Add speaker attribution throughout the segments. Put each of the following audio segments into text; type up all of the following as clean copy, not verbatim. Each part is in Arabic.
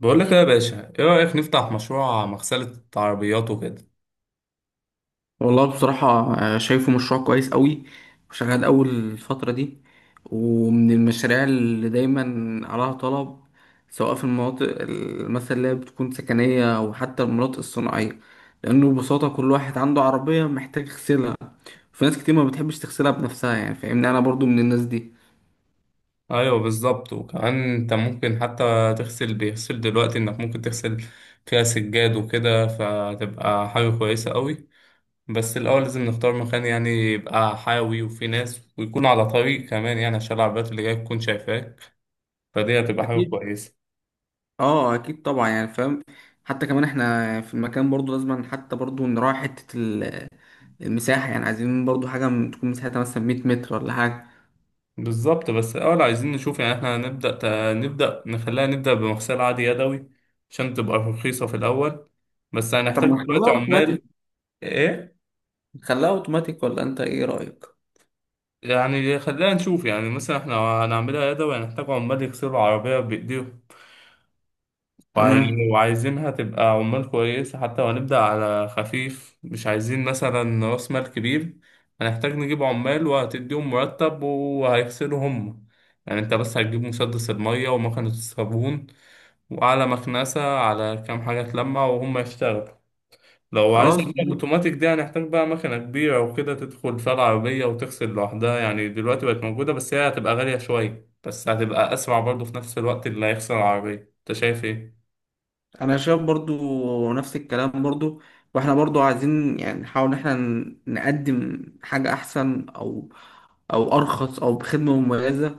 Speaker 1: بقول لك ايه يا باشا، ايه رأيك نفتح مشروع مغسلة عربيات وكده؟
Speaker 2: والله بصراحة. شايفه مشروع كويس قوي، وشغال أول الفترة دي، ومن المشاريع اللي دايما عليها طلب، سواء في المناطق مثلا اللي هي بتكون سكنية أو حتى المناطق الصناعية، لأنه ببساطة كل واحد عنده عربية محتاج يغسلها. في ناس كتير ما بتحبش تغسلها بنفسها، يعني فاهمني أنا برضو من الناس دي.
Speaker 1: ايوه بالظبط، وكمان انت ممكن حتى تغسل بيغسل دلوقتي انك ممكن تغسل فيها سجاد وكده، فتبقى حاجة كويسة قوي. بس الاول لازم نختار مكان يعني يبقى حيوي وفيه ناس ويكون على طريق كمان، يعني عشان العربيات اللي جاية تكون شايفاك، فدي هتبقى حاجة
Speaker 2: أكيد.
Speaker 1: كويسة.
Speaker 2: أكيد طبعا، يعني فاهم. حتى كمان احنا في المكان برضو لازم حتى برضو نراعي حتة المساحة، يعني عايزين برضو حاجة تكون مساحتها مثلا 100 متر ولا حاجة.
Speaker 1: بالظبط. بس الاول عايزين نشوف، يعني احنا هنبدأ نبدأ بمغسلة عادي يدوي عشان تبقى رخيصة في الاول، بس
Speaker 2: طب
Speaker 1: هنحتاج
Speaker 2: ما نخليها
Speaker 1: دلوقتي عمال.
Speaker 2: اوتوماتيك.
Speaker 1: ايه؟
Speaker 2: نخليها اوتوماتيك ولا انت ايه رأيك؟
Speaker 1: يعني خلينا نشوف، يعني مثلا احنا هنعملها يدوي هنحتاج عمال يغسلوا العربية بإيديهم.
Speaker 2: تمام.
Speaker 1: وعايزينها تبقى عمال كويسة حتى، وهنبدأ على خفيف، مش عايزين مثلا رأس مال كبير. هنحتاج نجيب عمال وهتديهم مرتب وهيغسلوا هم، يعني انت بس هتجيب مسدس المية ومكنة الصابون وعلى مكنسة على كام حاجة تلمع وهم يشتغلوا. لو عايز
Speaker 2: خلاص
Speaker 1: أجيب
Speaker 2: تمام.
Speaker 1: اوتوماتيك دي هنحتاج بقى مكنة كبيرة وكده تدخل فيها العربية وتغسل لوحدها، يعني دلوقتي بقت موجودة، بس هي هتبقى غالية شوية، بس هتبقى أسرع برضه في نفس الوقت اللي هيغسل العربية. أنت شايف إيه؟
Speaker 2: انا شايف برضو نفس الكلام برضو، واحنا برضو عايزين يعني نحاول ان احنا نقدم حاجة احسن، او ارخص او بخدمة مميزة.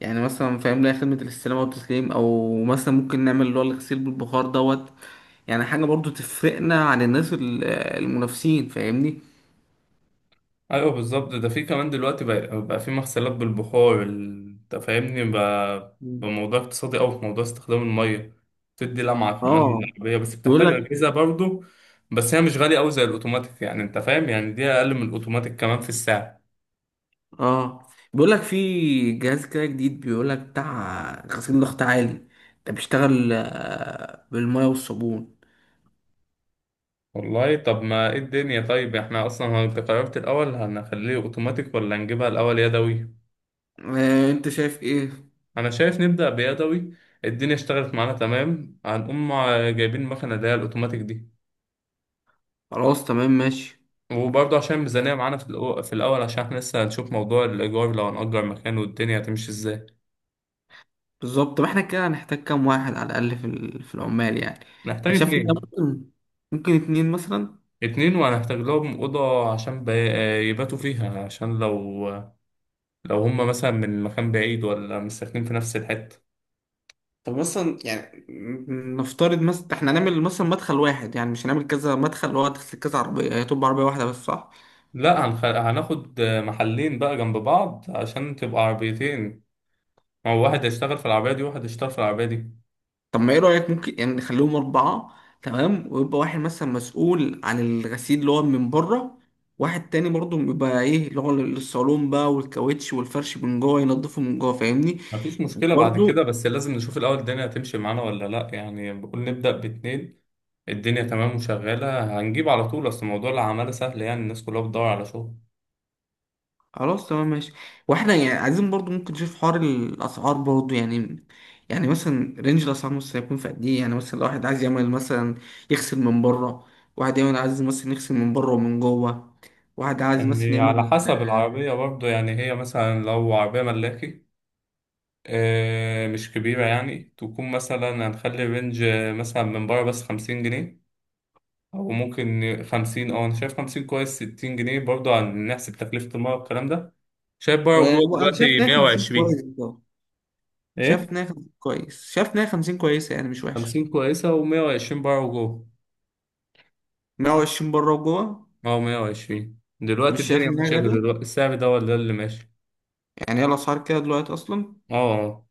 Speaker 2: يعني مثلا فاهم لها خدمة الاستلام والتسليم، او مثلا ممكن نعمل اللي هو الغسيل بالبخار دوت. يعني حاجة برضو تفرقنا عن الناس المنافسين، فاهمني؟
Speaker 1: أيوه بالظبط، ده في كمان دلوقتي بقى في مغسلات بالبخار أنت فاهمني، بقى
Speaker 2: مم.
Speaker 1: موضوع اقتصادي أوي في موضوع استخدام المية. بتدي لمعة كمان
Speaker 2: اه
Speaker 1: للعربية، بس
Speaker 2: بيقول
Speaker 1: بتحتاج
Speaker 2: لك
Speaker 1: أجهزة برضه. بس هي مش غالية أوي زي الأوتوماتيك، يعني أنت فاهم، يعني دي أقل من الأوتوماتيك كمان في السعر.
Speaker 2: اه بيقول لك في جهاز كده جديد، بيقول لك بتاع غسيل ضغط عالي. ده بيشتغل بالميه والصابون.
Speaker 1: والله طب ما ايه الدنيا، طيب احنا اصلا هو انت قررت الاول هنخليه اوتوماتيك ولا نجيبها الاول يدوي؟
Speaker 2: انت شايف ايه؟
Speaker 1: انا شايف نبدأ بيدوي. الدنيا اشتغلت معانا تمام هنقوم جايبين المكنة اللي هي الاوتوماتيك دي.
Speaker 2: خلاص تمام ماشي.
Speaker 1: وبرضه عشان الميزانية معانا في في الاول، عشان احنا لسه هنشوف موضوع الايجار لو هنأجر مكان والدنيا هتمشي ازاي.
Speaker 2: بالظبط. طب احنا كده هنحتاج كام واحد على الاقل في في العمال يعني؟
Speaker 1: نحتاج
Speaker 2: انا شايف إن
Speaker 1: اتنين.
Speaker 2: ممكن اتنين مثلا.
Speaker 1: اتنين وهنحتاج لهم أوضة عشان يباتوا فيها، عشان لو هما مثلا من مكان بعيد ولا مش ساكنين في نفس الحتة.
Speaker 2: طب مثلا يعني نفترض مثلا احنا هنعمل مثلا مدخل واحد، يعني مش هنعمل كذا مدخل اللي هو هتغسل كذا عربيه، هي تبقى عربيه واحده بس، صح؟
Speaker 1: لا هنخ... هناخد محلين بقى جنب بعض عشان تبقى عربيتين، ما هو واحد هيشتغل في العربية دي وواحد هيشتغل في العربية دي.
Speaker 2: طب ما ايه رأيك ممكن يعني نخليهم أربعة. تمام، ويبقى واحد مثلا مسؤول عن الغسيل اللي هو من بره، واحد تاني برضه بيبقى ايه اللي هو الصالون بقى والكاوتش والفرش من جوه ينضفه من جوه، فاهمني؟
Speaker 1: مفيش مشكلة بعد كده،
Speaker 2: وبرضه
Speaker 1: بس لازم نشوف الأول الدنيا هتمشي معانا ولا لأ، يعني بقول نبدأ باتنين. الدنيا تمام وشغالة هنجيب على طول، أصل موضوع العمالة سهل يعني الناس كلها بتدور على شغل.
Speaker 2: خلاص تمام ماشي. واحنا يعني عايزين برضه ممكن نشوف حوار الأسعار برضه يعني. يعني مثلا رينج الأسعار مثلا هيكون في قد ايه يعني؟ مثلا لو واحد عايز يعمل مثلا يغسل من بره، واحد يعمل عايز مثلا يغسل من بره ومن جوه، واحد عايز مثلا
Speaker 1: يعني على
Speaker 2: يعمل.
Speaker 1: حسب العربية برضه، يعني هي مثلا لو عربية ملاكي مش كبيرة، يعني تكون مثلا هنخلي رينج مثلا من بره بس خمسين جنيه. او ممكن خمسين، اه انا شايف خمسين كويس، ستين جنيه، برضه هنحسب تكلفة المية والكلام ده. شايف بره وجوه
Speaker 2: وأنا شايف
Speaker 1: دلوقتي
Speaker 2: إن هي
Speaker 1: مية
Speaker 2: 50
Speaker 1: وعشرين.
Speaker 2: كويس،
Speaker 1: ايه؟
Speaker 2: شاف ان هي 50 كويس، شاف ان هي 50 كويسه يعني مش وحشه.
Speaker 1: خمسين كويسة، ومية وعشرين بره وجوه.
Speaker 2: 120 بره وجوه.
Speaker 1: اه مية وعشرين، دلوقتي
Speaker 2: مش شايف
Speaker 1: الدنيا
Speaker 2: ان هي
Speaker 1: ماشية كده،
Speaker 2: غاليه،
Speaker 1: دلوقتي السعر ده ولا اللي ماشي.
Speaker 2: يعني هي الاسعار كده دلوقتي اصلا.
Speaker 1: اه. اه.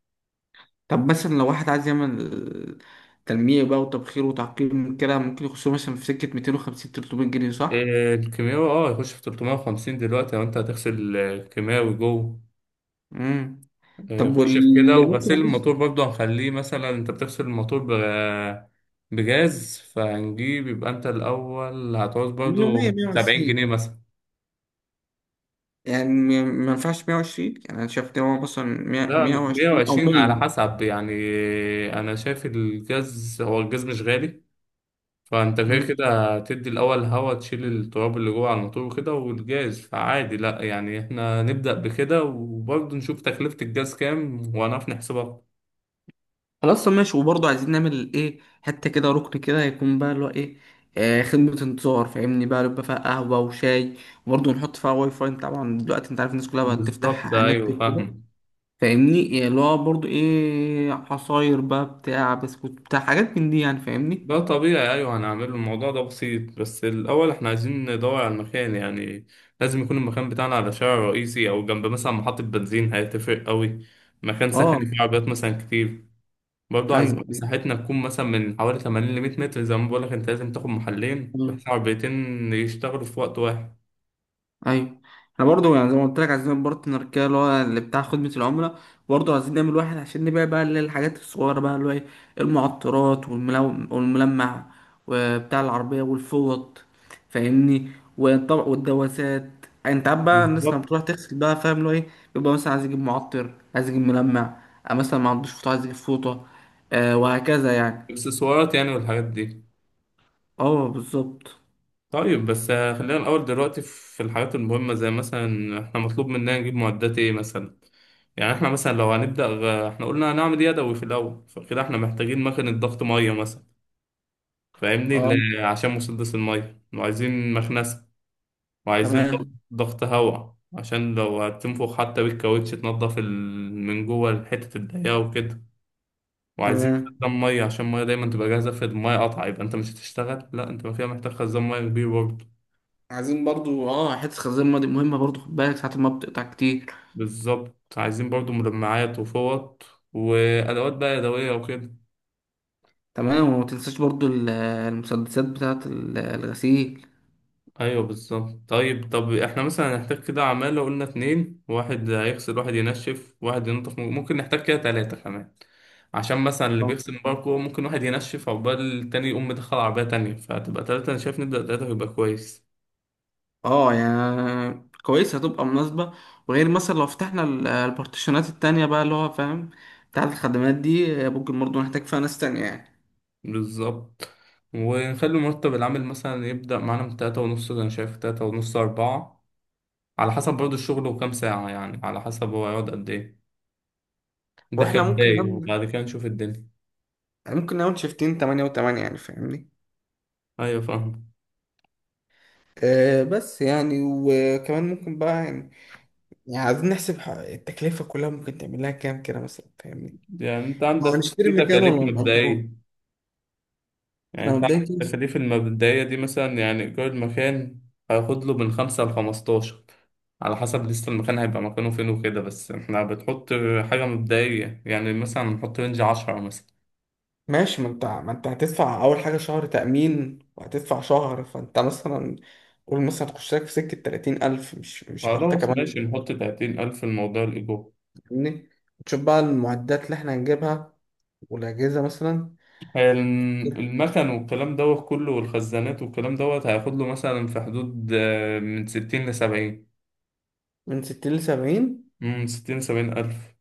Speaker 2: طب مثلا لو واحد عايز يعمل تلميع بقى وتبخير وتعقيم كده، ممكن يخش مثلا في سكه 250 300 جنيه، صح؟
Speaker 1: إيه، الكيماوي، اه يخش في تلتمية وخمسين دلوقتي، لو انت هتغسل كيماوي جوه
Speaker 2: امم طب
Speaker 1: يخش في كده.
Speaker 2: واللي ممكن
Speaker 1: وغسيل
Speaker 2: يخش
Speaker 1: الموتور برضه هنخليه، مثلا انت بتغسل الموتور بجاز، فهنجيب، يبقى انت الأول هتعوز
Speaker 2: منه 100
Speaker 1: برضه سبعين جنيه
Speaker 2: 120،
Speaker 1: مثلا.
Speaker 2: يعني ما ينفعش 120. يعني انا شايف ان هو مثلا 100
Speaker 1: ده مية
Speaker 2: 120 او
Speaker 1: وعشرين على حسب يعني. أنا شايف الجاز، هو الجاز مش غالي، فأنت كده
Speaker 2: 100.
Speaker 1: كده تدي الأول هوا تشيل التراب اللي جوه على الموتور وكده، والجاز فعادي. لأ يعني احنا نبدأ بكده، وبرضه نشوف تكلفة الجاز كام وهنعرف نحسبها.
Speaker 2: خلاص، طب ماشي. وبرضه عايزين نعمل ايه حتة كده، ركن كده يكون بقى اللي هو ايه، خدمة انتظار، فاهمني بقى، يبقى فيها قهوة وشاي. وبرضه نحط فيها واي فاي. انت طبعا دلوقتي انت عارف الناس كلها بقت
Speaker 1: بالظبط
Speaker 2: تفتح نت
Speaker 1: أيوه
Speaker 2: وكده،
Speaker 1: فاهم.
Speaker 2: فاهمني؟ يعني اللي هو برضه ايه عصاير بقى، بتاع بسكوت، بتاع حاجات من دي، يعني فاهمني.
Speaker 1: ده طبيعي، أيوه هنعمله، الموضوع ده بسيط، بس الأول إحنا عايزين ندور على المكان، يعني لازم يكون المكان بتاعنا على شارع رئيسي أو جنب مثلا محطة بنزين، هيتفرق أوي. مكان سكني
Speaker 2: اه،
Speaker 1: فيه عربيات مثلا كتير. برضه عايزين
Speaker 2: ايوه ايوه.
Speaker 1: مساحتنا تكون مثلا من حوالي 80 ل 100 متر، زي ما بقولك، أنت لازم تاخد محلين
Speaker 2: آه.
Speaker 1: بحيث عربيتين يشتغلوا في وقت واحد.
Speaker 2: ايوه. احنا برضو يعني زي ما قلت لك عايزين بارتنر كده اللي هو اللي بتاع خدمة العملاء، برضو عايزين نعمل واحد عشان نبيع بقى اللي هي الحاجات الصغيرة بقى، اللي هو ايه والملمع وبتاع العربية والفوط، فاهمني؟ والطبق والدواسات. انت عارف بقى الناس لما
Speaker 1: بالظبط.
Speaker 2: بتروح تغسل بقى، فاهم اللي هو ايه، بيبقى مثلا عايز يجيب معطر، عايز يجيب ملمع، مثلا ما عندوش فوطة عايز يجيب فوطة، وهكذا يعني.
Speaker 1: اكسسوارات يعني والحاجات دي.
Speaker 2: اه بالظبط.
Speaker 1: طيب بس خلينا الأول دلوقتي في الحاجات المهمة، زي مثلا إحنا مطلوب مننا نجيب معدات إيه مثلا. يعني احنا مثلا لو هنبدأ احنا قلنا هنعمل يدوي في الأول، فكده احنا محتاجين مكنة ضغط مية مثلا. فاهمني،
Speaker 2: اه
Speaker 1: عشان مسدس المية، وعايزين مكنسة، وعايزين ضغط،
Speaker 2: تمام
Speaker 1: ضغط هواء عشان لو هتنفخ حتى بالكاوتش تنضف من جوه حتة الضيقة وكده. وعايزين
Speaker 2: تمام.
Speaker 1: خزان مية عشان المية دايما تبقى جاهزة، في المية قطع يبقى انت مش هتشتغل، لا انت ما فيها محتاج خزان مية كبير برضه.
Speaker 2: عايزين برضو حته الخزيمه دي مهمه برضو، خد بالك ساعه ما بتقطع كتير.
Speaker 1: بالظبط، عايزين برضه مجمعات وفوط وأدوات بقى يدوية وكده.
Speaker 2: تمام، وما تنساش برضو المسدسات بتاعه الغسيل.
Speaker 1: ايوه بالظبط. طيب، طب احنا مثلا هنحتاج كده عمالة، قلنا اتنين، واحد هيغسل واحد ينشف واحد ينظف، ممكن نحتاج كده تلاتة كمان، عشان مثلا اللي
Speaker 2: آه.
Speaker 1: بيغسل مباركو، ممكن واحد ينشف عقبال التاني يقوم مدخل عربية تانية، فتبقى تلاتة. أنا شايف نبدأ تلاتة يبقى كويس.
Speaker 2: اه. يعني كويس هتبقى مناسبة. وغير مثلا لو فتحنا البارتيشنات التانية بقى اللي هو فاهم بتاعة الخدمات دي، ممكن برضه نحتاج فيها ناس تانية يعني.
Speaker 1: بالظبط. ونخلي مرتب العمل مثلا يبدأ معانا من تلاتة ونص، أنا شايف تلاتة ونص أربعة، على حسب برضه الشغل وكام ساعة، يعني على حسب هو هيقعد قد إيه. ده
Speaker 2: واحنا ممكن
Speaker 1: كبداية،
Speaker 2: نعمل،
Speaker 1: وبعد كده نشوف الدنيا.
Speaker 2: شيفتين تمانية وتمانية يعني فاهمني.
Speaker 1: أيوة فاهم.
Speaker 2: بس يعني، وكمان ممكن بقى يعني، يعني عايزين نحسب التكلفة كلها، ممكن تعمل لها كام كده مثلا فاهمني؟
Speaker 1: يعني انت
Speaker 2: ما هو
Speaker 1: عندك
Speaker 2: نشتري
Speaker 1: في
Speaker 2: مكان
Speaker 1: تكاليف
Speaker 2: ولا نأجره؟
Speaker 1: مبدئية. يعني
Speaker 2: احنا
Speaker 1: انت
Speaker 2: مبدئيا
Speaker 1: عندك
Speaker 2: كده
Speaker 1: التكاليف المبدئية دي، مثلا يعني إيجار المكان هياخد له من خمسة لخمستاشر، على حسب لسه المكان هيبقى مكانه فين وكده، بس احنا بتحط حاجة مبدئية، يعني مثلا نحط رينج عشرة مثلا.
Speaker 2: ماشي. ما انت هتدفع اول حاجه شهر تامين وهتدفع شهر، فانت مثلا قول مثلا تخش لك في سكه 30,000، مش حتى
Speaker 1: خلاص
Speaker 2: كمان.
Speaker 1: ماشي، نحط تلاتين ألف الموضوع الإيجار.
Speaker 2: فاهمني؟ تشوف بقى المعدات اللي احنا هنجيبها والاجهزه مثلا،
Speaker 1: المكن والكلام دوت كله والخزانات والكلام دوت هياخد له مثلا في حدود من ستين لسبعين.
Speaker 2: من 60 ل 70.
Speaker 1: من ستين لسبعين ألف.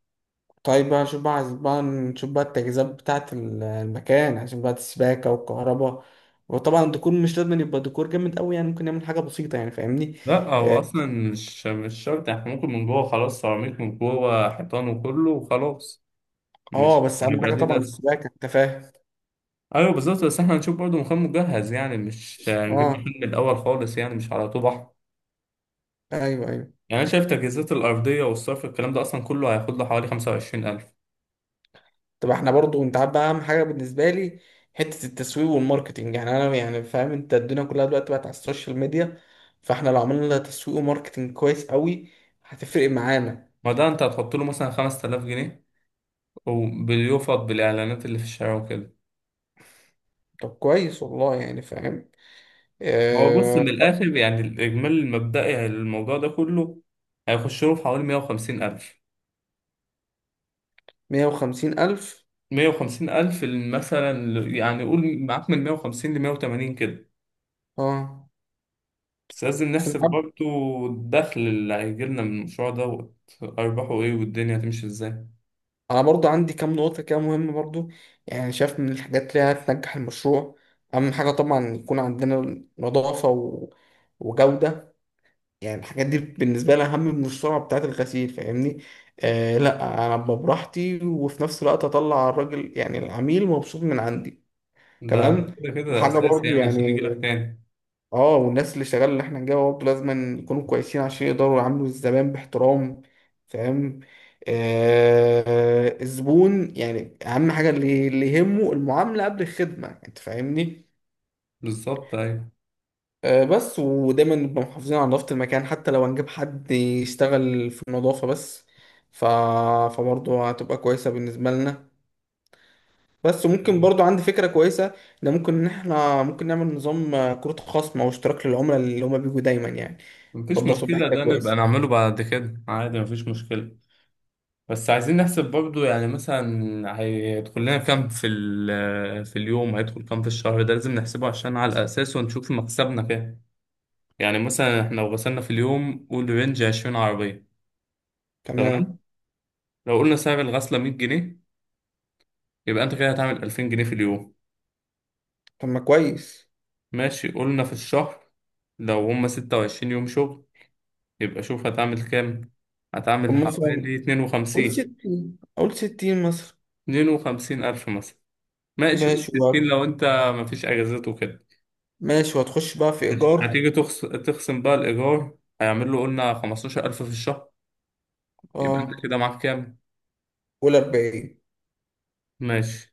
Speaker 2: طيب بقى نشوف بقى عايز بقى نشوف بقى التجهيزات بتاعة المكان، عشان بقى السباكة والكهرباء، وطبعا الديكور مش لازم يبقى ديكور جامد قوي يعني، ممكن نعمل حاجة بسيطة يعني فاهمني.
Speaker 1: لا هو
Speaker 2: آه،
Speaker 1: اصلا مش شرط، احنا ممكن من جوه خلاص سيراميك من جوه حيطان وكله وخلاص،
Speaker 2: اه
Speaker 1: مش
Speaker 2: بس اهم
Speaker 1: هيبقى
Speaker 2: حاجه
Speaker 1: ليه
Speaker 2: طبعا
Speaker 1: لازمه.
Speaker 2: السباكه، انت فاهم.
Speaker 1: ايوه بالظبط، بس احنا هنشوف برضه مخيم مجهز يعني، مش هنجيب
Speaker 2: اه
Speaker 1: مخيم من الاول خالص يعني، مش على طول بحر.
Speaker 2: ايوه ايوه.
Speaker 1: يعني انا شايف تجهيزات الارضيه والصرف الكلام ده اصلا كله هياخد له حوالي 25,000.
Speaker 2: طب احنا برضو انت عارف بقى اهم حاجه بالنسبه لي حته التسويق والماركتنج، يعني انا يعني فاهم انت الدنيا كلها دلوقتي بقت على السوشيال ميديا، فاحنا لو عملنا تسويق وماركتنج كويس قوي هتفرق معانا.
Speaker 1: ما ده انت هتحط له مثلا 5000 جنيه، وبيفض بالاعلانات اللي في الشارع وكده.
Speaker 2: طب كويس والله يعني فاهم.
Speaker 1: هو بص
Speaker 2: آه
Speaker 1: من الاخر، يعني الاجمالي المبدئي الموضوع ده كله هيخش له في حوالي 150,000،
Speaker 2: 150 ألف.
Speaker 1: مية وخمسين ألف مثلا يعني قول معاك من مية وخمسين لمية وتمانين كده.
Speaker 2: اه
Speaker 1: بس لازم نحسب برضو الدخل اللي هيجيلنا من المشروع دوت، أرباحه إيه والدنيا هتمشي إزاي.
Speaker 2: انا برضو عندي كام نقطة كده مهمة برضو، يعني شايف من الحاجات اللي هتنجح المشروع، اهم حاجة طبعا يكون عندنا نظافة وجودة. يعني الحاجات دي بالنسبة لي اهم من السرعة بتاعة الغسيل فاهمني. لا انا ابقى براحتي وفي نفس الوقت اطلع الراجل يعني العميل مبسوط من عندي.
Speaker 1: ده
Speaker 2: تمام.
Speaker 1: كده كده
Speaker 2: وحاجة
Speaker 1: أساسي،
Speaker 2: برضو
Speaker 1: يعني عشان
Speaker 2: يعني
Speaker 1: يجيلك تاني.
Speaker 2: اه والناس اللي شغاله اللي احنا نجيبها برضه لازم يكونوا كويسين عشان يقدروا يعاملوا الزبائن باحترام، فاهم؟ الزبون يعني اهم حاجه اللي يهمه المعامله قبل الخدمه، انت فاهمني؟
Speaker 1: بالظبط أيوة.
Speaker 2: بس ودايما نبقى محافظين على نظافه المكان، حتى لو هنجيب حد يشتغل في النظافه بس. ف... فبرضه هتبقى كويسه بالنسبه لنا. بس ممكن برضو عندي فكرة كويسة ان ممكن ان احنا ممكن نعمل نظام كروت خصم او اشتراك للعملاء اللي هما بيجوا دايما يعني.
Speaker 1: مفيش
Speaker 2: برضه هتبقى
Speaker 1: مشكلة،
Speaker 2: حاجة
Speaker 1: ده نبقى
Speaker 2: كويسة.
Speaker 1: نعمله بعد كده عادي، مفيش مشكلة. بس عايزين نحسب برضو، يعني مثلا هيدخل لنا كام في في اليوم، هيدخل كام في الشهر، ده لازم نحسبه عشان على أساسه نشوف مكسبنا كام. يعني مثلا احنا لو غسلنا في اليوم قول رينج 20 عربية. تمام.
Speaker 2: تمام.
Speaker 1: لو قلنا سعر الغسلة 100 جنيه، يبقى انت كده هتعمل 2000 جنيه في اليوم.
Speaker 2: طب ما كويس.
Speaker 1: ماشي، قلنا في الشهر لو هما 26 يوم شغل، يبقى شوف هتعمل كام.
Speaker 2: طب
Speaker 1: هتعمل حوالي
Speaker 2: مثلا
Speaker 1: 52
Speaker 2: قول 60 مثلا.
Speaker 1: 52 ألف مثلا. ماشي قول
Speaker 2: ماشي
Speaker 1: 60،
Speaker 2: وقت.
Speaker 1: لو انت مفيش أجازات وكده.
Speaker 2: ماشي وهتخش بقى في
Speaker 1: ماشي.
Speaker 2: ايجار.
Speaker 1: تخصم بقى الإيجار، هيعمل له قلنا 15,000 في الشهر، يبقى انت
Speaker 2: اه،
Speaker 1: كده معاك كام.
Speaker 2: قول 40
Speaker 1: ماشي.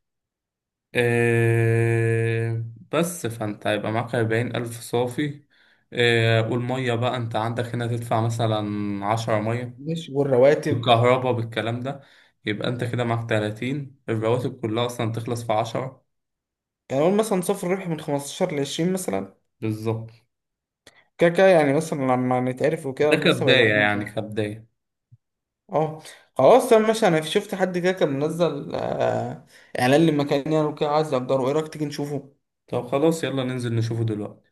Speaker 1: آه، بس فانت هيبقى معاك أربعين ألف صافي. والمية بقى انت عندك هنا تدفع مثلا عشرة مية،
Speaker 2: ماشي والرواتب.
Speaker 1: بالكهرباء بالكلام ده. يبقى انت كده معاك تلاتين، الرواتب كلها أصلا تخلص في عشرة.
Speaker 2: يعني قول مثلا صفر ربح من 15 لعشرين مثلا.
Speaker 1: بالظبط.
Speaker 2: كده كده يعني مثلا لما نتعرف وكده
Speaker 1: ده
Speaker 2: المكسب
Speaker 1: كبداية يعني،
Speaker 2: هيزيد.
Speaker 1: كبداية.
Speaker 2: اه خلاص تمام ماشي. انا شفت حد كده كان منزل اعلان لمكان يعني وكده، عايز اجره. ايه رايك تيجي نشوفه؟
Speaker 1: طب خلاص يلا ننزل نشوفه دلوقتي.